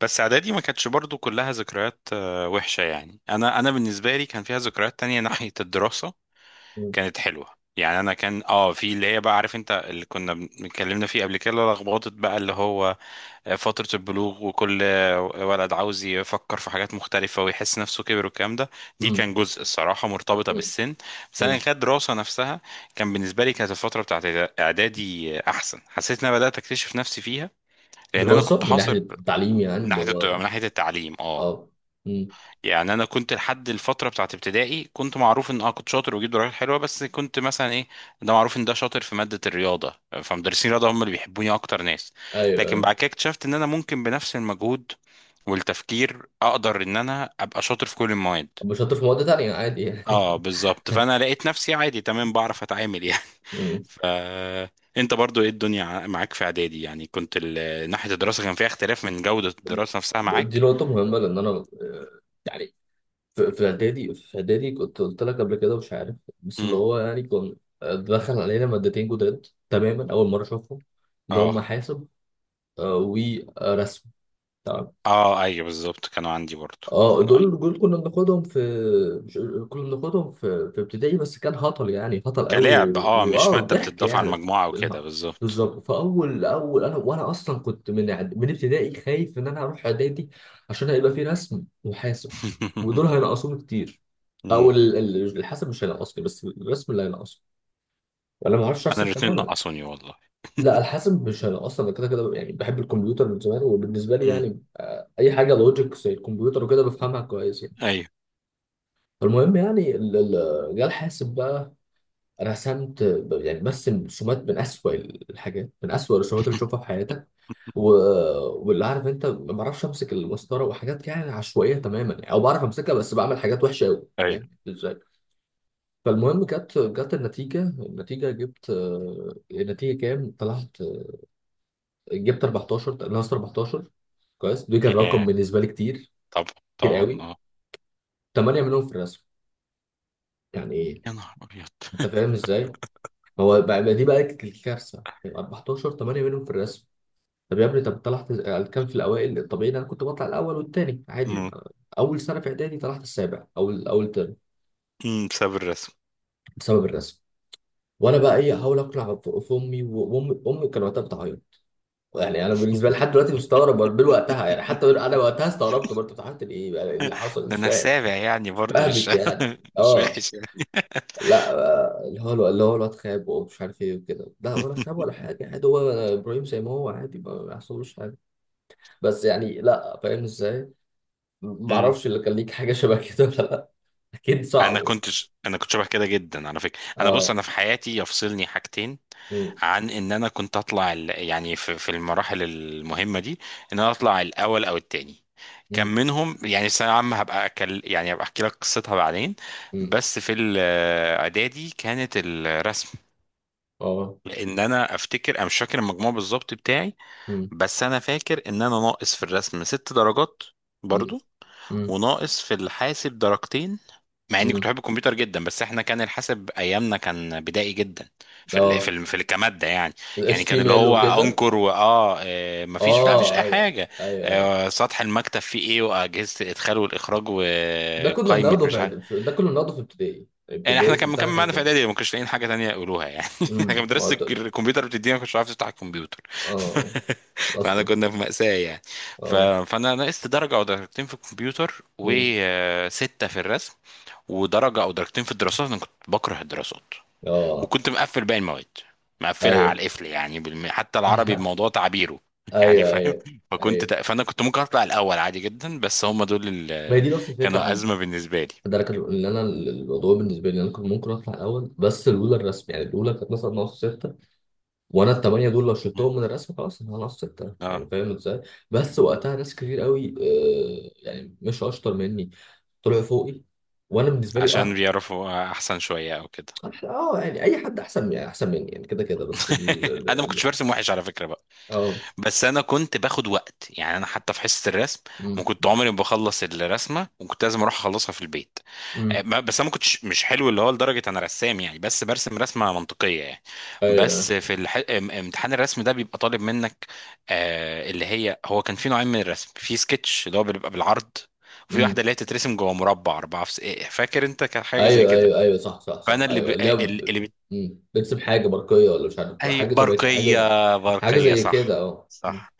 بس اعدادي ما كانتش برضو كلها ذكريات وحشه، يعني انا بالنسبه لي كان فيها ذكريات تانية ناحيه الدراسه مم. كانت حلوه. يعني انا كان في اللي هي، بقى عارف انت اللي كنا اتكلمنا فيه قبل كده، لخبطت بقى اللي هو فتره البلوغ، وكل ولد عاوز يفكر في حاجات مختلفه ويحس نفسه كبر والكلام ده. دي مم. كان جزء الصراحه مرتبطه مم. بالسن، بس انا مم. كدراسه نفسها كان بالنسبه لي، كانت الفتره بتاعت اعدادي احسن. حسيت ان انا بدات اكتشف نفسي فيها، لان انا دراسة كنت من حاصر ناحية التعليم، يعني من اللي ناحيه الضياع هو؟ من ناحيه التعليم. اه اه. مم. يعني انا كنت لحد الفتره بتاعت ابتدائي كنت معروف ان كنت شاطر وبجيب درجات حلوه، بس كنت مثلا ايه، ده معروف ان ده شاطر في ماده الرياضه، فمدرسين الرياضه هم اللي بيحبوني اكتر ناس. ايوه، لكن ايوه. بعد كده اكتشفت ان انا ممكن بنفس المجهود والتفكير اقدر ان انا ابقى شاطر في كل المواد. طب مش شاطر في مواد تانية عادي يعني. اه بالظبط، فانا لقيت نفسي عادي تمام بعرف اتعامل يعني. مم. ف انت برضو ايه الدنيا معاك في اعدادي؟ يعني كنت ناحيه الدراسه كان فيها اختلاف من جوده الدراسه نفسها دي معاك؟ نقطة مهمة، لأن أنا، يعني في إعدادي، في إعدادي كنت قلت لك قبل كده، مش عارف، بس اللي امم. هو يعني كان، دخل علينا مادتين جداد تماما، أول مرة أشوفهم، اللي اه. هم حاسب ورسم. اه ايوه بالظبط، كانوا عندي برضو. اه، كانوا اي، دول كنا بناخدهم في، مش، كنا بناخدهم في ابتدائي، بس كان هطل يعني هطل قوي، كلاعب، و- اه مش واه مادة ضحك بتضاف على يعني. المجموعة وكده، بالها- بالظبط. بالظبط، فاول اول انا وانا اصلا كنت من ابتدائي خايف ان انا اروح اعدادي، عشان هيبقى في رسم وحاسب، ودول هينقصوني كتير. او مم. الحاسب مش هينقصني، بس الرسم اللي هينقصني، وانا ما اعرفش انا ارسم الاتنين تماما. نقصوني والله. لا، الحاسب مش هينقصني، انا كده كده يعني بحب الكمبيوتر من زمان، وبالنسبه لي مم. يعني اي حاجه لوجيك زي الكمبيوتر وكده بفهمها كويس يعني. ايوه. فالمهم يعني جه الحاسب بقى، رسمت، يعني برسم رسومات من أسوأ الحاجات، من أسوأ الرسومات اللي تشوفها في حياتك، و... واللي عارف انت ما بعرفش امسك المسطره، وحاجات يعني عشوائيه تماما يعني، او بعرف امسكها بس بعمل حاجات وحشه قوي، ايوه. فاهم ازاي؟ فالمهم جت النتيجه، جبت، النتيجه كام طلعت، جبت 14، ناقص 14. كويس، ده كان رقم ياه، بالنسبه لي كتير، طبعا كتير طبعا قوي. اه. 8 منهم في الرسم، يعني ايه، يا نهار ابيض. انت فاهم ازاي؟ هو بقى دي بقى الكارثه، 14، 8 منهم في الرسم. طب يا ابني، طب طلعت كام في الاوائل؟ الطبيعي إن انا كنت بطلع الاول والتاني عادي، مم. اول سنه في اعدادي طلعت السابع، او اول ترم، مم، بسبب الرسم. بسبب الرسم. وانا بقى ايه، احاول اقنع في امي، وامي كان وقتها بتعيط. يعني انا بالنسبه لي لحد دلوقتي مستغرب برضه من وقتها، يعني حتى انا وقتها استغربت برضه، بتعيط ليه بقى، إيه اللي حصل، ده مش انا فاهم. سابع يعني مش برضو مش فاهمك يعني. مش اه. وحش يعني. لا. اللي هو الواد خاب ومش عارف ايه وكده، لا، ولا خاب ولا حاجه، عادي، هو ابراهيم زي ما هو عادي، ما يحصلوش حاجه. بس يعني لا فاهم ازاي، ما مم. اعرفش اللي كان ليك حاجه شبه كده ولا لا. اكيد انا صعب يعني. كنت انا كنت شبه كده جدا على فكره. انا بص، اه. انا في حياتي يفصلني حاجتين أمم. عن ان انا كنت اطلع يعني في المراحل المهمه دي، ان انا اطلع الاول او التاني. كان أمم. منهم يعني الثانويه العامه، هبقى أكل يعني، هبقى احكي لك قصتها بعدين. أمم. بس في الاعدادي كانت الرسم، اه. لان انا افتكر، انا مش فاكر المجموع بالظبط بتاعي، أمم. بس انا فاكر ان انا ناقص في الرسم ست درجات أمم. برضو، أمم. وناقص في الحاسب درجتين. مع اني كنت أمم. بحب الكمبيوتر جدا، بس احنا كان الحاسب ايامنا كان بدائي جدا اه، كماده يعني. يعني الاتش تي كان ام اللي ال هو وكده. انكر، واه آه، مفيش، لا مفيش اه، اي ايوه، حاجه. ايوه، ايوه. سطح المكتب فيه ايه، واجهزه الادخال والاخراج، ده كنا وقائمه بناخده مش عارف. ده كنا بناخده في ابتدائي، يعني احنا ابتدائي كان كان بتاعنا مكمل كان معانا في كده. اعدادي، ما كانش لاقيين حاجه تانية يقولوها يعني. احنا كان ما مدرسه قلت- الكمبيوتر بتدينا، ما كنتش عارف تفتح الكمبيوتر. اه، فاحنا اصلا. كنا في مأساة يعني. ف... اه. فانا نقصت درجه او درجتين في الكمبيوتر، أمم. وسته في الرسم، ودرجه او درجتين في الدراسات. انا كنت بكره الدراسات، اه. وكنت مقفل باقي المواد، مقفلها على ايوه. القفل يعني حتى العربي بموضوع تعبيره. يعني ايوه، فاهم. ايوه، ايوه، فانا كنت ممكن اطلع الاول عادي جدا، بس هم دول ما هي اللي دي نفس الفكره كانوا ازمه عندي. بالنسبه لي. ده انا كان ان انا الموضوع بالنسبه لي، إن انا كنت ممكن اطلع الاول، بس الاولى الرسم، يعني الاولى كانت مثلا ناقص سته، وانا الثمانيه دول لو مم. شلتهم من الرسم خلاص انا ناقص سته، يعني اه فاهم ازاي؟ بس وقتها ناس كتير قوي، يعني مش اشطر مني، طلعوا فوقي، وانا بالنسبه لي عشان اه. بيعرفوا احسن شويه او كده. يعني اي حد احسن، يعني احسن مني يعني، كده كده، بس انا ما كنتش برسم وحش على فكره بقى، اه. بس انا كنت باخد وقت. يعني انا حتى في حصه الرسم ما امم، كنت عمري ما بخلص الرسمه، وكنت لازم اروح اخلصها في البيت. امم. بس انا ما كنتش مش حلو اللي هو لدرجه انا رسام يعني، بس برسم رسمه منطقيه يعني. بس ايوه. في امتحان الرسم ده بيبقى طالب منك اللي هي هو كان في نوعين من الرسم: في سكتش، اللي هو بيبقى بالعرض، وفي واحده امم. اللي هي تترسم جوه مربع اربعه في فاكر انت كان حاجه زي ايوه، كده. ايوه، ايوه، صح، صح، صح، فانا اللي ب... ايوه، اللي هي اللي مم. بتسيب حاجه برقيه، ولا مش عارف، اي حاجه زي، حاجه برقية؟ زي حاجه برقية، زي صح. كده، اه. مم. صح.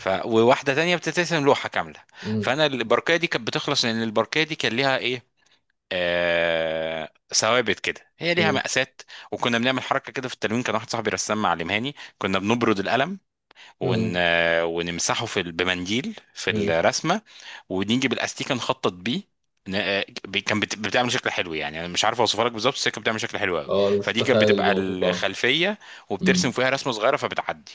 وواحدة تانية بتترسم لوحة كاملة. مم. فأنا البرقية دي كانت بتخلص، لأن البرقية دي كان ليها إيه، ثوابت كده، هي ليها مم. مقاسات. وكنا بنعمل حركة كده في التلوين، كان واحد صاحبي رسام معلمهاني، كنا بنبرد القلم ون... مم. ونمسحه بمنديل في مم. الرسمه، ونيجي بالاستيكه نخطط بيه. ن- كان بتعمل شكل حلو يعني، انا مش عارف اوصفها لك بالظبط، بس هي كانت بتعمل شكل حلو قوي. اه، انا مش فدي كانت متخيل بتبقى الموقف، اه. الخلفيه، وبترسم مم. فيها رسمه صغيره، فبتعدي.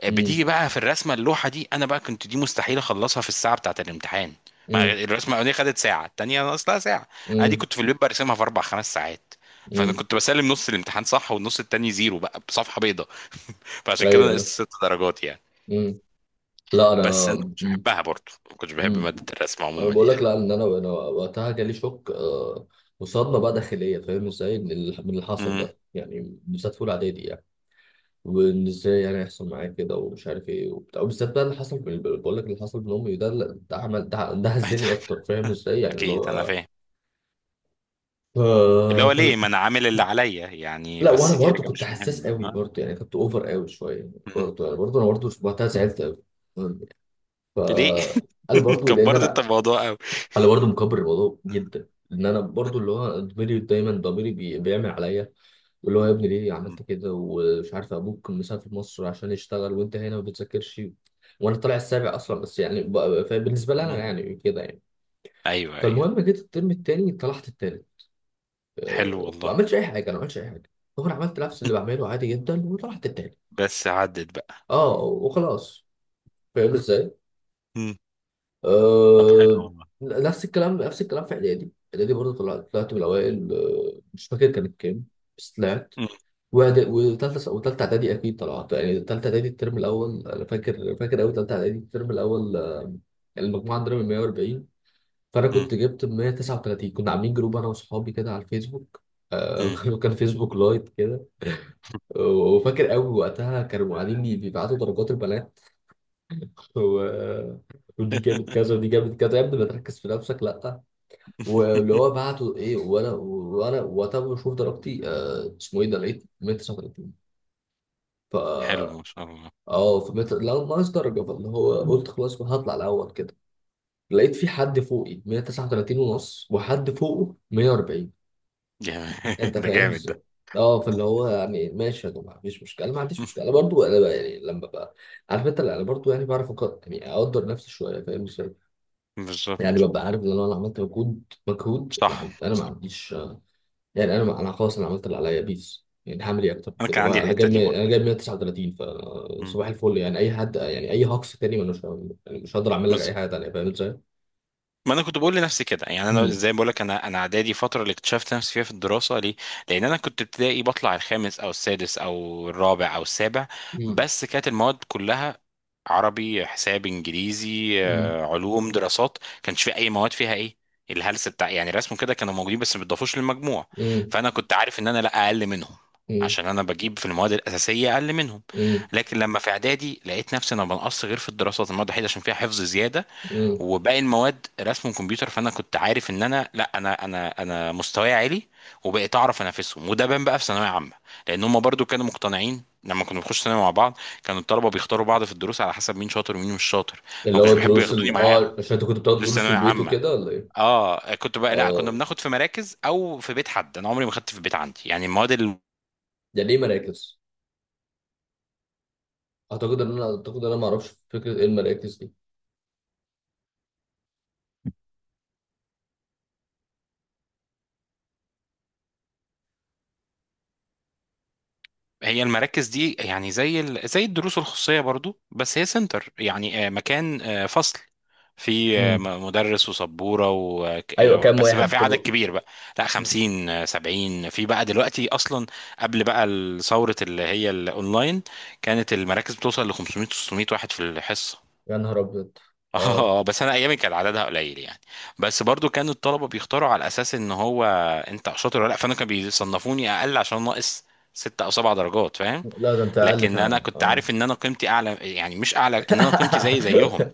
مم. بتيجي بقى في الرسمه اللوحه دي، انا بقى كنت دي مستحيل اخلصها في الساعه بتاعه الامتحان. ما مم. الرسمه الاولانيه خدت ساعه، التانيه ناقصها ساعه. انا دي مم. كنت في البيت برسمها في اربع خمس ساعات، فانا مم. كنت بسلم نص الامتحان صح، والنص التاني زيرو بقى بصفحه بيضاء. فعشان كده نقصت ايوه. ست درجات يعني. مم. لا بس انا. انا كنتش مم. بحبها برضه، ما كنتش بحب مم. ماده الرسم انا عموما بقول لك، يعني. لا، ان انا وقتها جالي شوك، وصدمه بقى داخليه، فاهم ازاي، من اللي حصل امم. ده يعني، بالذات في اولى اعدادي يعني. وان ازاي يعني هيحصل معايا كده، ومش عارف ايه وبتاع، وبالذات بقى اللي حصل من، بقول لك اللي حصل من امي ده، لا، ده عمل ده أكيد. هزني اكتر، فاهم ازاي، يعني اللي اكيد انا هو، فاهم، اللي آه، هو ليه فال... ما انا عامل اللي عليا يعني، لا، وانا بس دي برضو حاجه كنت مش حساس مهمه قوي ها. برضو يعني، كنت اوفر قوي شويه مم. برضو، يعني برضو انا برضو وقتها زعلت قوي. ف، ليه؟ انا برضو لان كبرت انت انا، الموضوع قوي. انا برضو مكبر الموضوع جدا، ان انا برضو اللي هو ضميري دايما، ضميري بيعمل عليا، واللي هو يا ابني ليه مم. عملت كده، ومش عارف، ابوك مسافر مصر عشان يشتغل، وانت هنا ما بتذاكرش، وانا طالع السابع اصلا، بس يعني فبالنسبه لي انا مم. يعني كده يعني. ايوه ايوه. فالمهم جيت الترم التاني طلعت التاني، حلو ما والله. عملتش اي حاجه، انا ما عملتش اي حاجه، هو انا عملت نفس اللي بعمله عادي جدا، وطلعت التاني، بس عدت بقى. اه، وخلاص، فاهم ازاي؟ مم. طب حلو أه. والله. نفس الكلام، نفس الكلام في اعدادي، اعدادي برضه طلعت من الاوائل، أه، مش فاكر كانت كام، بس طلعت. مم. وتالتة إعدادي أكيد طلعت، يعني تالتة إعدادي الترم الأول أنا فاكر، فاكر أوي، تالتة إعدادي الترم الأول، المجموعة عندنا من 140، فأنا مم. كنت جبت 139. كنا عاملين جروب أنا وصحابي كده على الفيسبوك، آه، مم. كان فيسبوك لايت كده، وفاكر أوي وقتها كانوا قاعدين بيبعتوا درجات البنات، و... ودي جابت كذا، ودي جابت كذا، يا ابني ما تركز في نفسك، لأ، واللي هو بعته إيه، وأنا وقتها بشوف درجتي، اسمه إيه ده، لقيت 139، حلو ما شاء الله. اه، لا، ناقص درجة، فاللي هو قلت خلاص ما هطلع الأول كده، لقيت في حد فوقي 139 ونص، وحد فوقه 140. جامد. أنت ده فاهم جامد ده. ازاي؟ اه، فاللي هو يعني ماشي يا جماعة، مفيش مشكلة، أنا ما عنديش مشكلة، أنا برضو أنا بقى يعني لما ببقى عارف أنت، لا، أنا برضو يعني بعرف أقدر، يعني أقدر نفسي شوية، فاهم ازاي؟ يعني بالظبط. ببقى عارف إن أنا لو عملت مجهود مجهود، ما عند... صح أنا ما صح. عنديش، يعني انا خلاص انا عملت اللي عليا بيس، يعني هعمل ايه اكتر من انا كده، كان هو عندي انا الحته جايب دي برضه. 139 مم. فصباح الفل يعني، اي حد يعني، اي بالظبط. هاكس تاني، ما مش يعني مش هقدر اعمل لك اي بالظبط. حاجه تانيه، فاهم ازاي؟ ما انا كنت بقول لنفسي كده، يعني انا مم. زي ما بقول لك، انا اعدادي فتره اللي اكتشفت نفسي فيها في الدراسه، ليه؟ لان انا كنت ابتدائي بطلع الخامس او السادس او الرابع او السابع، مم. بس كانت المواد كلها عربي حساب انجليزي مم. علوم دراسات، كانش في اي مواد فيها ايه الهلس بتاع يعني. رسم كده كانوا موجودين، بس ما بيضافوش للمجموع. مم. فانا كنت عارف ان انا لا اقل منهم، مم. عشان انا بجيب في المواد الاساسيه اقل منهم. مم. لكن لما في اعدادي لقيت نفسي انا بنقص غير في الدراسات، المواد الوحيده عشان فيها حفظ زياده، مم. وباقي المواد رسم كمبيوتر، فانا كنت عارف ان انا لا، انا مستواي عالي. وبقيت اعرف انافسهم، وده بان بقى في ثانويه عامه، لان هم برضو كانوا مقتنعين. لما كنا بنخش ثانوي مع بعض، كانوا الطلبه بيختاروا بعض في الدروس على حسب مين شاطر ومين مش شاطر، فما اللي هو كانوش بيحبوا دروس، ال ياخدوني معاهم اه عشان انت كنت بتاخد دروس دروس في ثانويه البيت عامه. وكده ولا ايه؟ اه كنت بقى لا، كنا اه. بناخد في مراكز او في بيت حد، انا عمري ما خدت في بيت عندي يعني المواد. يعني ايه مراكز؟ اعتقد ان انا ما اعرفش فكره ايه المراكز دي. هي المراكز دي يعني زي الدروس الخصوصية برضو، بس هي سنتر يعني، مكان، فصل، في مم. مدرس وسبورة و... ك- ايوه، آه، كام بس واحد بقى في عدد بتبقوا؟ كبير بقى. لا 50 70 في بقى دلوقتي أصلا. قبل بقى ثورة اللي هي الأونلاين، كانت المراكز بتوصل ل 500 600 واحد في الحصة. يا نهار ابيض. اه. اه بس انا ايامي كان عددها قليل يعني. بس برضو كان الطلبه بيختاروا على اساس ان هو انت شاطر ولا لا، فانا كانوا بيصنفوني اقل عشان ناقص ست او سبع درجات، فاهم. لا ده انت اقل لكن انا فعلا، كنت اه. عارف ان انا قيمتي اعلى، يعني مش اعلى، ان انا قيمتي زي زيهم،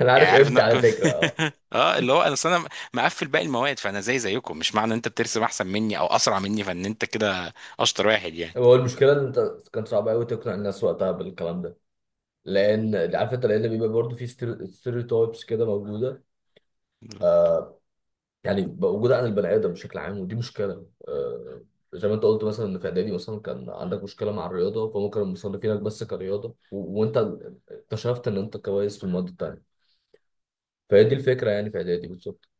انا يعني عارف عارف ان امتى، انا على فكره، اه. اه اللي هو انا أصل انا مقفل باقي المواد، فانا زي زيكم، مش معنى ان انت بترسم احسن مني او اسرع مني فان انت كده اشطر واحد يعني. هو المشكله ان انت كان صعب قوي تقنع الناس وقتها بالكلام ده، لان عارف انت، لان بيبقى برضه في ستيريوتايبس كده موجوده، آه يعني موجوده عن البني ادم بشكل عام، ودي مشكله، زي ما انت قلت مثلا، ان في اعدادي مثلا كان عندك مشكله مع الرياضه، فممكن مصنفينك بس كرياضه، وانت اكتشفت ان انت كويس في المواد التانيه، فهي دي الفكره يعني، في اعدادي بالظبط.